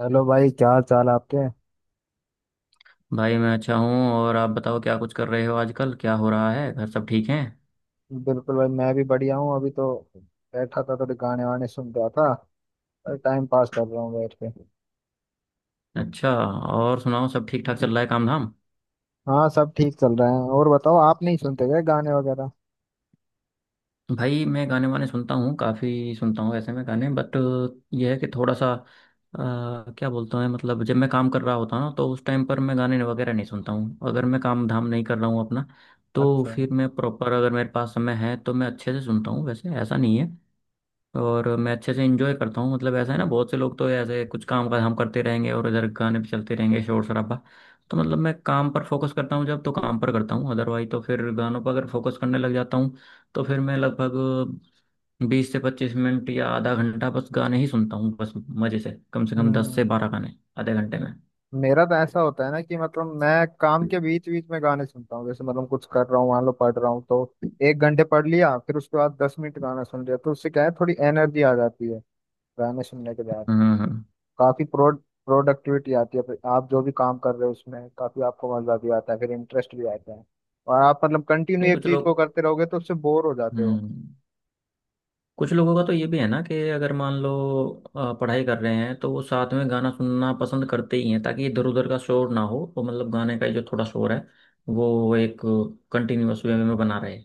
Hello भाई, क्या हाल चाल है आपके। भाई मैं अच्छा हूँ। और आप बताओ, क्या कुछ कर रहे हो आजकल? क्या हो रहा है? घर सब ठीक हैं? बिल्कुल भाई, मैं भी बढ़िया हूँ। अभी तो बैठा था, थोड़े गाने वाने सुन रहा था और टाइम पास कर रहा हूँ बैठ के। अच्छा। और सुनाओ, सब ठीक ठाक चल रहा है काम धाम? हाँ, सब ठीक चल रहा है। और बताओ, आप नहीं सुनते क्या गाने वगैरह। भाई मैं गाने वाने सुनता हूँ, काफ़ी सुनता हूँ ऐसे में गाने। बट यह है कि थोड़ा सा क्या बोलते हैं, मतलब जब मैं काम कर रहा होता हूँ ना तो उस टाइम पर मैं गाने वगैरह नहीं सुनता हूँ। अगर मैं काम धाम नहीं कर रहा हूँ अपना तो अच्छा। फिर मैं प्रॉपर, अगर मेरे पास समय है तो मैं अच्छे से सुनता हूँ, वैसे ऐसा नहीं है। और मैं अच्छे से इंजॉय करता हूँ। मतलब ऐसा है ना, बहुत से लोग तो ऐसे कुछ काम का हम करते रहेंगे और इधर गाने पे चलते रहेंगे, शोर शराबा। तो मतलब मैं काम पर फोकस करता हूँ, जब तो काम पर करता हूँ, अदरवाइज तो फिर गानों पर अगर फोकस करने लग जाता हूँ तो फिर मैं लगभग बीस से पच्चीस मिनट या आधा घंटा बस गाने ही सुनता हूँ, बस मजे से, कम से कम दस से हम्म बारह गाने आधे घंटे में। मेरा तो ऐसा होता है ना कि मतलब मैं काम के बीच बीच में गाने सुनता हूँ। जैसे मतलब कुछ कर रहा हूँ, मान लो पढ़ रहा हूँ, तो 1 घंटे पढ़ लिया, फिर उसके बाद 10 मिनट गाना सुन लिया, तो उससे क्या है थोड़ी एनर्जी आ जाती है गाने सुनने के बाद। हम्म हम्म। काफी प्रोडक्टिविटी आती है, फिर आप जो भी काम कर रहे हो उसमें काफी आपको मजा भी आता है, फिर इंटरेस्ट भी आता है। और आप मतलब कंटिन्यू नहीं एक कुछ चीज को लोग, करते रहोगे तो उससे बोर हो जाते हो। हम्म कुछ लोगों का तो ये भी है ना कि अगर मान लो पढ़ाई कर रहे हैं तो वो साथ में गाना सुनना पसंद करते ही हैं, ताकि इधर उधर का शोर ना हो, तो मतलब गाने का जो थोड़ा शोर है वो एक कंटिन्यूअस वे में बना रहे।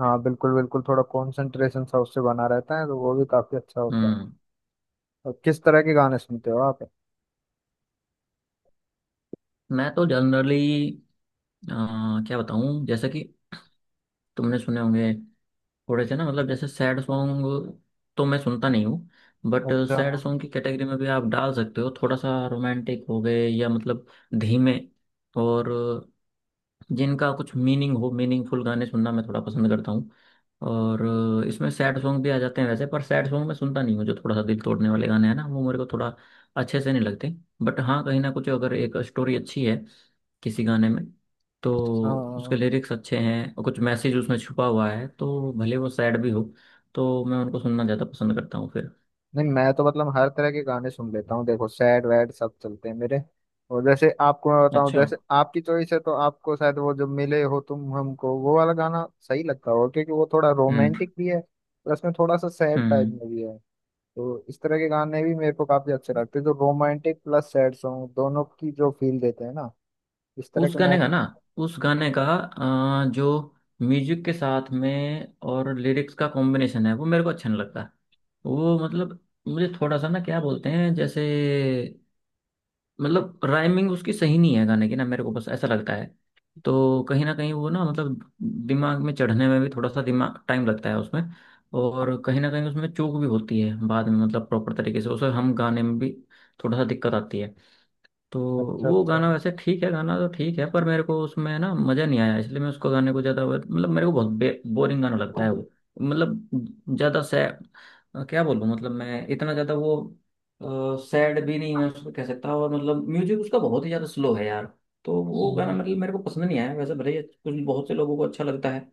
हाँ, बिल्कुल बिल्कुल, थोड़ा कॉन्सेंट्रेशन सा उससे बना रहता है तो वो भी काफी अच्छा होता है। हम्म। और किस तरह के गाने सुनते हो आप। मैं तो जनरली, क्या बताऊं, जैसे कि तुमने सुने होंगे थोड़े से ना, मतलब जैसे सैड सॉन्ग तो मैं सुनता नहीं हूँ। बट अच्छा। सैड सॉन्ग की कैटेगरी में भी आप डाल सकते हो थोड़ा सा रोमांटिक हो गए या मतलब धीमे, और जिनका कुछ मीनिंग हो, मीनिंगफुल गाने सुनना मैं थोड़ा पसंद करता हूँ। और इसमें सैड सॉन्ग भी आ जाते हैं वैसे, पर सैड सॉन्ग मैं सुनता नहीं हूँ, जो थोड़ा सा दिल तोड़ने वाले गाने हैं ना, वो मेरे को थोड़ा अच्छे से नहीं लगते। बट हाँ, कहीं ना कुछ अगर एक स्टोरी अच्छी है किसी गाने में, तो हाँ। उसके लिरिक्स अच्छे हैं और कुछ मैसेज उसमें छुपा हुआ है, तो भले वो सैड भी हो, तो मैं उनको सुनना ज़्यादा पसंद करता हूँ फिर। नहीं, मैं तो मतलब हर तरह के गाने सुन लेता हूँ, देखो सैड वैड सब चलते हैं मेरे। और जैसे आपको मैं बताऊं, अच्छा। जैसे आपकी चॉइस है तो आपको शायद वो जब मिले हो तुम हमको वो वाला गाना सही लगता होगा, क्योंकि वो थोड़ा हम्म रोमांटिक भी है, प्लस में थोड़ा सा सैड टाइप हम्म। में भी है। तो इस तरह के गाने भी मेरे को काफी अच्छे लगते हैं, जो रोमांटिक प्लस सैड सॉन्ग दोनों की जो फील देते हैं ना, इस तरह उस के मैं। गाने का ना, उस गाने का जो म्यूजिक के साथ में और लिरिक्स का कॉम्बिनेशन है वो मेरे को अच्छा नहीं लगता। वो मतलब मुझे थोड़ा सा ना, क्या बोलते हैं, जैसे मतलब राइमिंग उसकी सही नहीं है गाने की ना, मेरे को बस ऐसा लगता है। तो कहीं ना कहीं वो ना, मतलब दिमाग में चढ़ने में भी थोड़ा सा दिमाग टाइम लगता है उसमें। और कहीं ना कहीं उसमें चूक भी होती है बाद में, मतलब प्रॉपर तरीके से उसे हम गाने में भी थोड़ा सा दिक्कत आती है। तो अच्छा, वो अच्छा। गाना वैसे ठीक है, गाना तो ठीक है पर मेरे को उसमें ना मज़ा नहीं आया, इसलिए मैं उसको गाने को ज़्यादा, मतलब मेरे को बहुत बोरिंग गाना लगता है वो। मतलब ज़्यादा सैड, क्या बोलूँ, मतलब मैं इतना ज़्यादा वो सैड भी नहीं मैं उसको कह सकता, और मतलब म्यूजिक उसका बहुत ही ज़्यादा स्लो है यार। तो वो गाना हम्म। मतलब मेरे को पसंद नहीं आया वैसे, भले ही कुछ बहुत से लोगों को अच्छा लगता है।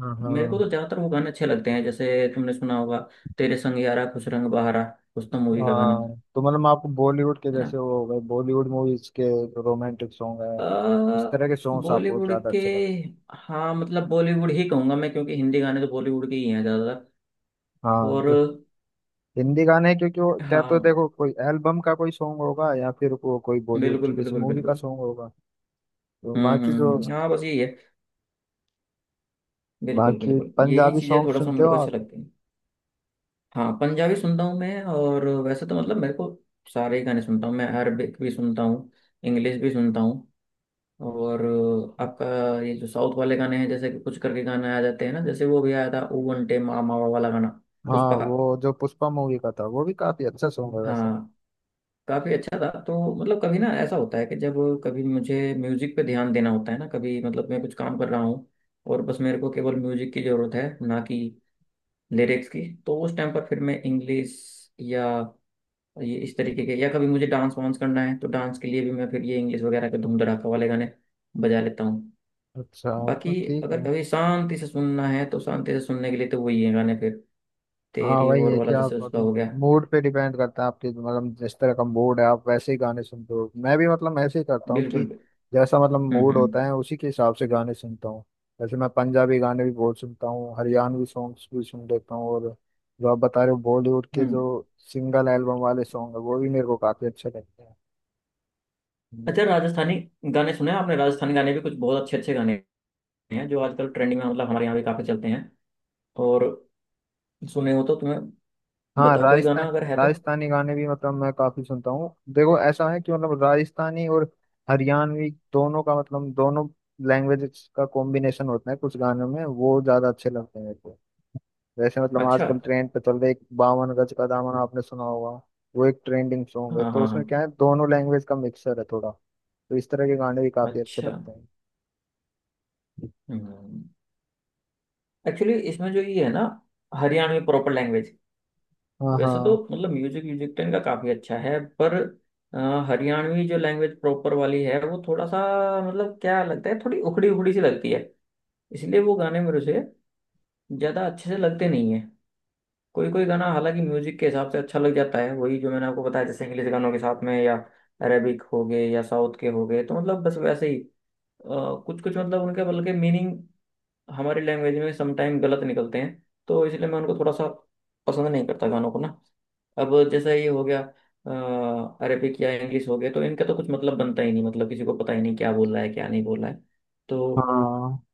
हाँ मेरे को हाँ तो ज़्यादातर वो गाने अच्छे लगते हैं, जैसे तुमने सुना होगा, तेरे संग यारा खुश रंग बहारा, उस तो मूवी का गाना। हाँ। तो मतलब आपको बॉलीवुड के, है ना? जैसे वो हो गए बॉलीवुड मूवीज के, रोमांटिक सॉन्ग है, इस तरह के सॉन्ग्स आपको बॉलीवुड ज्यादा के। अच्छे लगते हाँ, मतलब बॉलीवुड ही कहूंगा मैं क्योंकि हिंदी गाने तो बॉलीवुड के ही हैं ज्यादातर। हैं। हाँ, और जो हिंदी गाने हैं, क्योंकि वो क्या हाँ, तो देखो, कोई एल्बम का कोई सॉन्ग होगा या फिर वो कोई बॉलीवुड बिल्कुल की किसी बिल्कुल मूवी का बिल्कुल। सॉन्ग होगा। तो बाकी जो, हाँ बस यही है, बिल्कुल बाकी बिल्कुल, यही पंजाबी चीजें सॉन्ग थोड़ा सा सुनते मेरे हो को अच्छा आप। लगती है। हाँ पंजाबी सुनता हूँ मैं, और वैसे तो मतलब मेरे को सारे ही गाने सुनता हूँ मैं, अरबिक भी सुनता हूँ, इंग्लिश भी सुनता हूँ। और आपका ये जो साउथ वाले गाने हैं, जैसे कि कुछ करके गाने आ जाते हैं ना, जैसे वो भी आया था ओ वंटे मामा वाला गाना। हाँ, पुष्पा का। वो जो पुष्पा मूवी का था वो भी काफी अच्छा सॉन्ग है वैसे। हाँ, काफी अच्छा था। तो मतलब कभी ना ऐसा होता है कि जब कभी मुझे म्यूजिक पे ध्यान देना होता है ना, कभी मतलब मैं कुछ काम कर रहा हूँ और बस मेरे को केवल म्यूजिक की जरूरत है, ना कि लिरिक्स की, तो उस टाइम पर फिर मैं इंग्लिश या ये इस तरीके के, या कभी मुझे डांस वांस करना है तो डांस के लिए भी मैं फिर ये इंग्लिश वगैरह के धूम धड़ाका वाले गाने बजा लेता हूँ। अच्छा, बाकी मतलब ठीक अगर है। कभी शांति से सुनना है तो शांति से सुनने के लिए तो वही है गाने फिर, हाँ, तेरी वही ओर है कि वाला जैसे आप उसका मतलब हो गया। मूड पे डिपेंड करता है आपके, मतलब जिस तरह का मूड है आप वैसे ही गाने सुनते हो, मैं भी मतलब ऐसे ही करता हूँ कि बिल्कुल। जैसा मतलब हम्म मूड हम्म होता है उसी के हिसाब से गाने सुनता हूँ। जैसे मैं पंजाबी गाने भी बहुत सुनता हूँ, हरियाणवी सॉन्ग्स भी सुन लेता हूँ, और जो आप बता रहे हो बॉलीवुड के हम्म। जो सिंगल एल्बम वाले सॉन्ग है, वो भी मेरे को काफी अच्छे लगते हैं। हम्म। अच्छा, राजस्थानी गाने सुने हैं आपने? राजस्थानी गाने भी कुछ बहुत अच्छे अच्छे गाने हैं, जो आजकल ट्रेंडिंग में, मतलब हमारे यहाँ भी काफी चलते हैं। और सुने हो तो तुम्हें हाँ, बताओ कोई गाना अगर है तो। राजस्थानी गाने भी मतलब मैं काफी सुनता हूँ। देखो ऐसा है कि मतलब राजस्थानी और हरियाणवी दोनों का मतलब दोनों लैंग्वेजेस का कॉम्बिनेशन होता है कुछ गानों में, वो ज्यादा अच्छे लगते हैं मेरे को। जैसे मतलब अच्छा। आजकल ट्रेंड पे चल रहा है एक बावन गज का दामन, आपने सुना होगा। वो एक ट्रेंडिंग सॉन्ग है, हाँ तो हाँ उसमें हाँ। क्या है दोनों लैंग्वेज का मिक्सर है थोड़ा, तो इस तरह के गाने भी काफी अच्छे अच्छा। लगते हैं। हम्म। एक्चुअली इसमें जो ये है ना, हरियाणवी प्रॉपर लैंग्वेज, हाँ वैसे तो हाँ मतलब म्यूजिक म्यूजिक तो इनका काफी अच्छा है पर अ, हरियाणवी जो लैंग्वेज प्रॉपर वाली है वो थोड़ा सा, मतलब क्या लगता है, थोड़ी उखड़ी उखड़ी सी लगती है, इसलिए वो गाने मेरे से ज्यादा अच्छे से लगते नहीं है। कोई कोई गाना हालांकि म्यूजिक के हिसाब से अच्छा लग जाता है, वही जो मैंने आपको बताया, जैसे इंग्लिश गानों के साथ में, या अरेबिक हो गए, या साउथ के हो गए, तो मतलब बस वैसे ही कुछ कुछ, मतलब उनके बल्कि मीनिंग हमारी लैंग्वेज में समटाइम गलत निकलते हैं, तो इसलिए मैं उनको थोड़ा सा पसंद नहीं करता गानों को ना। अब जैसे ये हो गया अरेबिक या इंग्लिश हो गए, तो इनका तो कुछ मतलब बनता ही नहीं, मतलब किसी को पता ही नहीं क्या बोल रहा है क्या नहीं बोल रहा है, तो हाँ।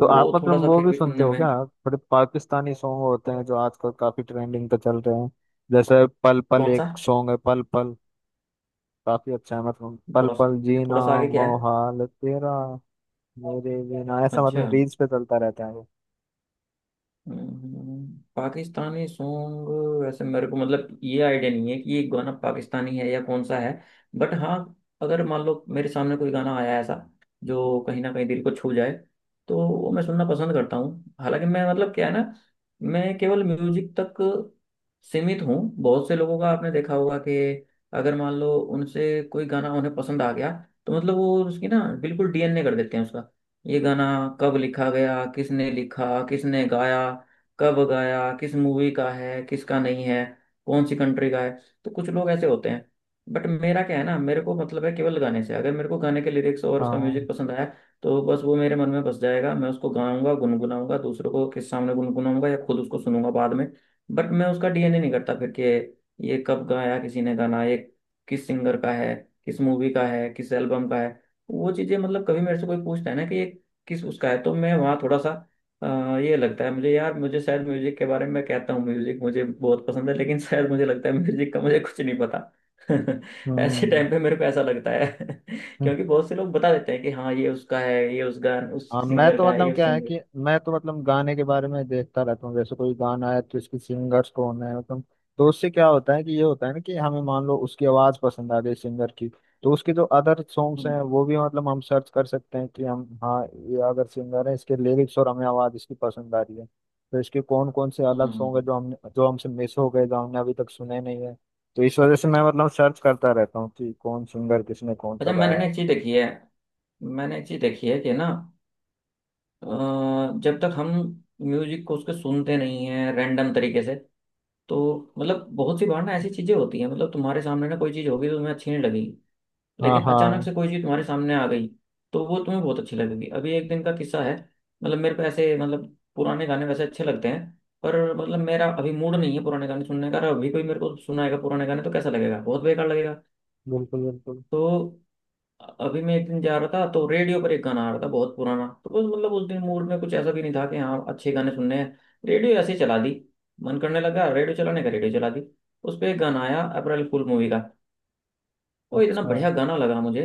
तो आप थोड़ा मतलब सा वो फिर भी भी सुनते सुनने हो में। क्या, थोड़े पाकिस्तानी सॉन्ग होते हैं जो आजकल काफी ट्रेंडिंग पे चल रहे हैं। जैसे पल पल कौन सा? एक सॉन्ग है, पल पल काफी अच्छा है, मतलब पल थोड़ा सा, पल जीना थोड़ा सा आगे क्या है? मोहाल तेरा मेरे बिना, ऐसा अच्छा। मतलब रील्स पे चलता रहता है वो। पाकिस्तानी सॉन्ग वैसे मेरे को मतलब ये आइडिया नहीं है कि ये गाना पाकिस्तानी है या कौन सा है। बट हाँ, अगर मान लो मेरे सामने कोई गाना आया ऐसा जो कहीं ना कहीं दिल को छू जाए, तो वो मैं सुनना पसंद करता हूँ। हालांकि मैं, मतलब क्या है ना, मैं केवल म्यूजिक तक सीमित हूँ। बहुत से लोगों का आपने देखा होगा कि अगर मान लो उनसे कोई गाना उन्हें पसंद आ गया, तो मतलब वो उसकी ना बिल्कुल डीएनए कर देते हैं उसका, ये गाना कब लिखा गया, किसने लिखा, किसने गाया, कब गाया, किस मूवी का है, किसका नहीं है, कौन सी कंट्री का है, तो कुछ लोग ऐसे होते हैं। बट मेरा क्या है ना, मेरे को मतलब है केवल गाने से, अगर मेरे को गाने के लिरिक्स और उसका हाँ। म्यूजिक पसंद आया, तो बस वो मेरे मन में बस जाएगा, मैं उसको गाऊंगा गुनगुनाऊंगा, दूसरों को के सामने गुनगुनाऊंगा, या खुद उसको सुनूंगा बाद में। बट मैं उसका डीएनए नहीं करता फिर कि ये कब गाया किसी ने गाना, ये किस सिंगर का है, किस मूवी का है, किस एल्बम का है। वो चीजें मतलब कभी मेरे से कोई पूछता है ना कि ये किस उसका है, तो मैं वहाँ थोड़ा सा अ, ये लगता है मुझे यार, मुझे शायद म्यूजिक के बारे में कहता हूँ, म्यूजिक मुझे बहुत पसंद है लेकिन शायद मुझे लगता है म्यूजिक का मुझे कुछ नहीं पता। ऐसे हम्म। टाइम पे मेरे को ऐसा लगता है क्योंकि बहुत से लोग बता देते हैं कि हाँ, ये उसका है, ये उस गान उस हाँ, मैं सिंगर तो का है, ये मतलब उस क्या है सिंगर। कि मैं तो मतलब गाने के बारे में देखता रहता हूँ, जैसे कोई गाना है तो इसके सिंगर्स कौन है मतलब। तो उससे क्या होता है कि ये होता है ना कि हमें मान लो उसकी आवाज पसंद आ गई सिंगर की, तो उसके जो अदर सॉन्ग्स हम्म हैं वो भी मतलब हम सर्च कर सकते हैं कि हम, हाँ, ये अगर सिंगर है इसके लिरिक्स और हमें आवाज इसकी पसंद आ रही है तो इसके कौन कौन से अलग सॉन्ग है हम्म। जो हमसे मिस हो गए, जो हमने अभी तक सुने नहीं है। तो इस वजह से मैं मतलब सर्च करता रहता हूँ कि कौन सिंगर किसने कौन सा अच्छा, मैंने गाया ना है। एक चीज देखी है, मैंने एक चीज देखी है कि ना अ, जब तक हम म्यूजिक को उसके सुनते नहीं है रैंडम तरीके से, तो मतलब बहुत सी बार ना ऐसी चीजें होती हैं, मतलब तुम्हारे सामने ना कोई चीज होगी तो तुम्हें अच्छी नहीं लगी, हाँ, लेकिन अचानक हाँ। से कोई चीज तुम्हारे सामने आ गई तो वो तुम्हें बहुत अच्छी लगेगी। अभी एक दिन का किस्सा है, मतलब मेरे को ऐसे मतलब पुराने गाने वैसे अच्छे लगते हैं, पर मतलब मेरा अभी मूड नहीं है पुराने गाने सुनने का, और अभी कोई मेरे को सुनाएगा पुराने गाने तो कैसा लगेगा, बहुत बेकार लगेगा। बिल्कुल बिल्कुल। तो अभी मैं एक दिन जा रहा था तो रेडियो पर एक गाना आ रहा था बहुत पुराना, तो बस मतलब उस दिन मूड में कुछ ऐसा भी नहीं था कि हाँ अच्छे गाने सुनने हैं, रेडियो ऐसे ही चला दी, मन करने लगा रेडियो चलाने का, रेडियो चला दी। उस पर एक गाना आया अप्रैल फूल मूवी का, वो इतना अच्छा। बढ़िया गाना लगा मुझे।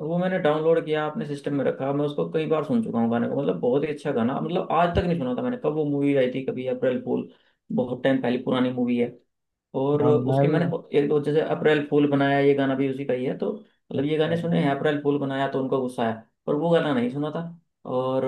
वो मैंने डाउनलोड किया, अपने सिस्टम में रखा, मैं उसको कई बार सुन चुका हूँ गाने को, मतलब बहुत ही अच्छा गाना, मतलब आज तक नहीं सुना था मैंने। कब वो मूवी आई थी कभी अप्रैल फूल, बहुत टाइम पहले पुरानी मूवी है। और हाँ, मैं उसके भी। मैंने एक दो जैसे अप्रैल फूल बनाया ये गाना भी उसी का ही है तो, मतलब ये गाने अच्छा, सुने हैं अप्रैल फूल बनाया तो उनका गुस्सा है, पर वो गाना नहीं सुना था और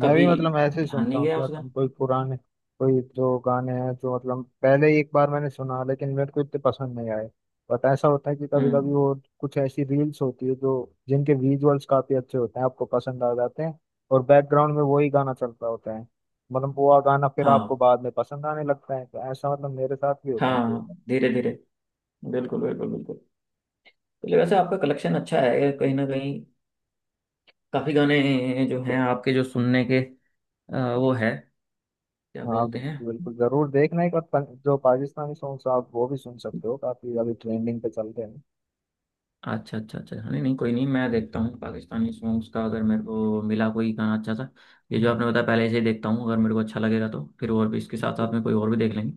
मैं भी कभी मतलब ऐसे ही ध्यान सुनता नहीं हूँ गया कि उसका। मतलब कोई जो गाने हैं जो मतलब पहले ही एक बार मैंने सुना, लेकिन मेरे को इतने पसंद नहीं आए। बट ऐसा होता है कि कभी कभी हम्म। वो कुछ ऐसी रील्स होती है जो जिनके विजुअल्स काफी अच्छे होते हैं, आपको पसंद आ जाते हैं, और बैकग्राउंड में वही गाना चलता होता है, मतलब वो गाना फिर आपको हाँ बाद में पसंद आने लगता है, तो ऐसा मतलब मेरे साथ भी होता है कई हाँ, बार। धीरे धीरे, बिल्कुल बिल्कुल बिल्कुल। तो वैसे आपका कलेक्शन अच्छा है कहीं ना कहीं, काफी गाने जो हैं आपके जो सुनने के वो है, क्या हाँ, बोलते हैं। बिल्कुल बिल्कुल, जरूर देखना एक बार, जो पाकिस्तानी सॉन्ग्स आप वो भी सुन सकते हो, काफी अभी ट्रेंडिंग पे चलते अच्छा अच्छा अच्छा, नहीं नहीं कोई नहीं, मैं देखता हूँ पाकिस्तानी सॉन्ग्स का, अगर मेरे को मिला कोई गाना अच्छा सा, ये हैं। जो आपने बताया पहले से ही देखता हूँ, अगर मेरे को अच्छा लगेगा तो फिर और भी इसके साथ साथ बिल्कुल। में कोई और भी देख लेंगे।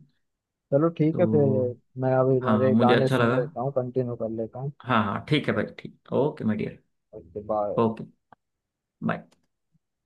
चलो ठीक है फिर, तो मैं अभी हाँ, मेरे मुझे गाने अच्छा सुन लगा। लेता हूँ, कंटिन्यू कर लेता हूँ हाँ हाँ ठीक है भाई, ठीक, ओके माय डियर। उसके बाद। Okay, bye.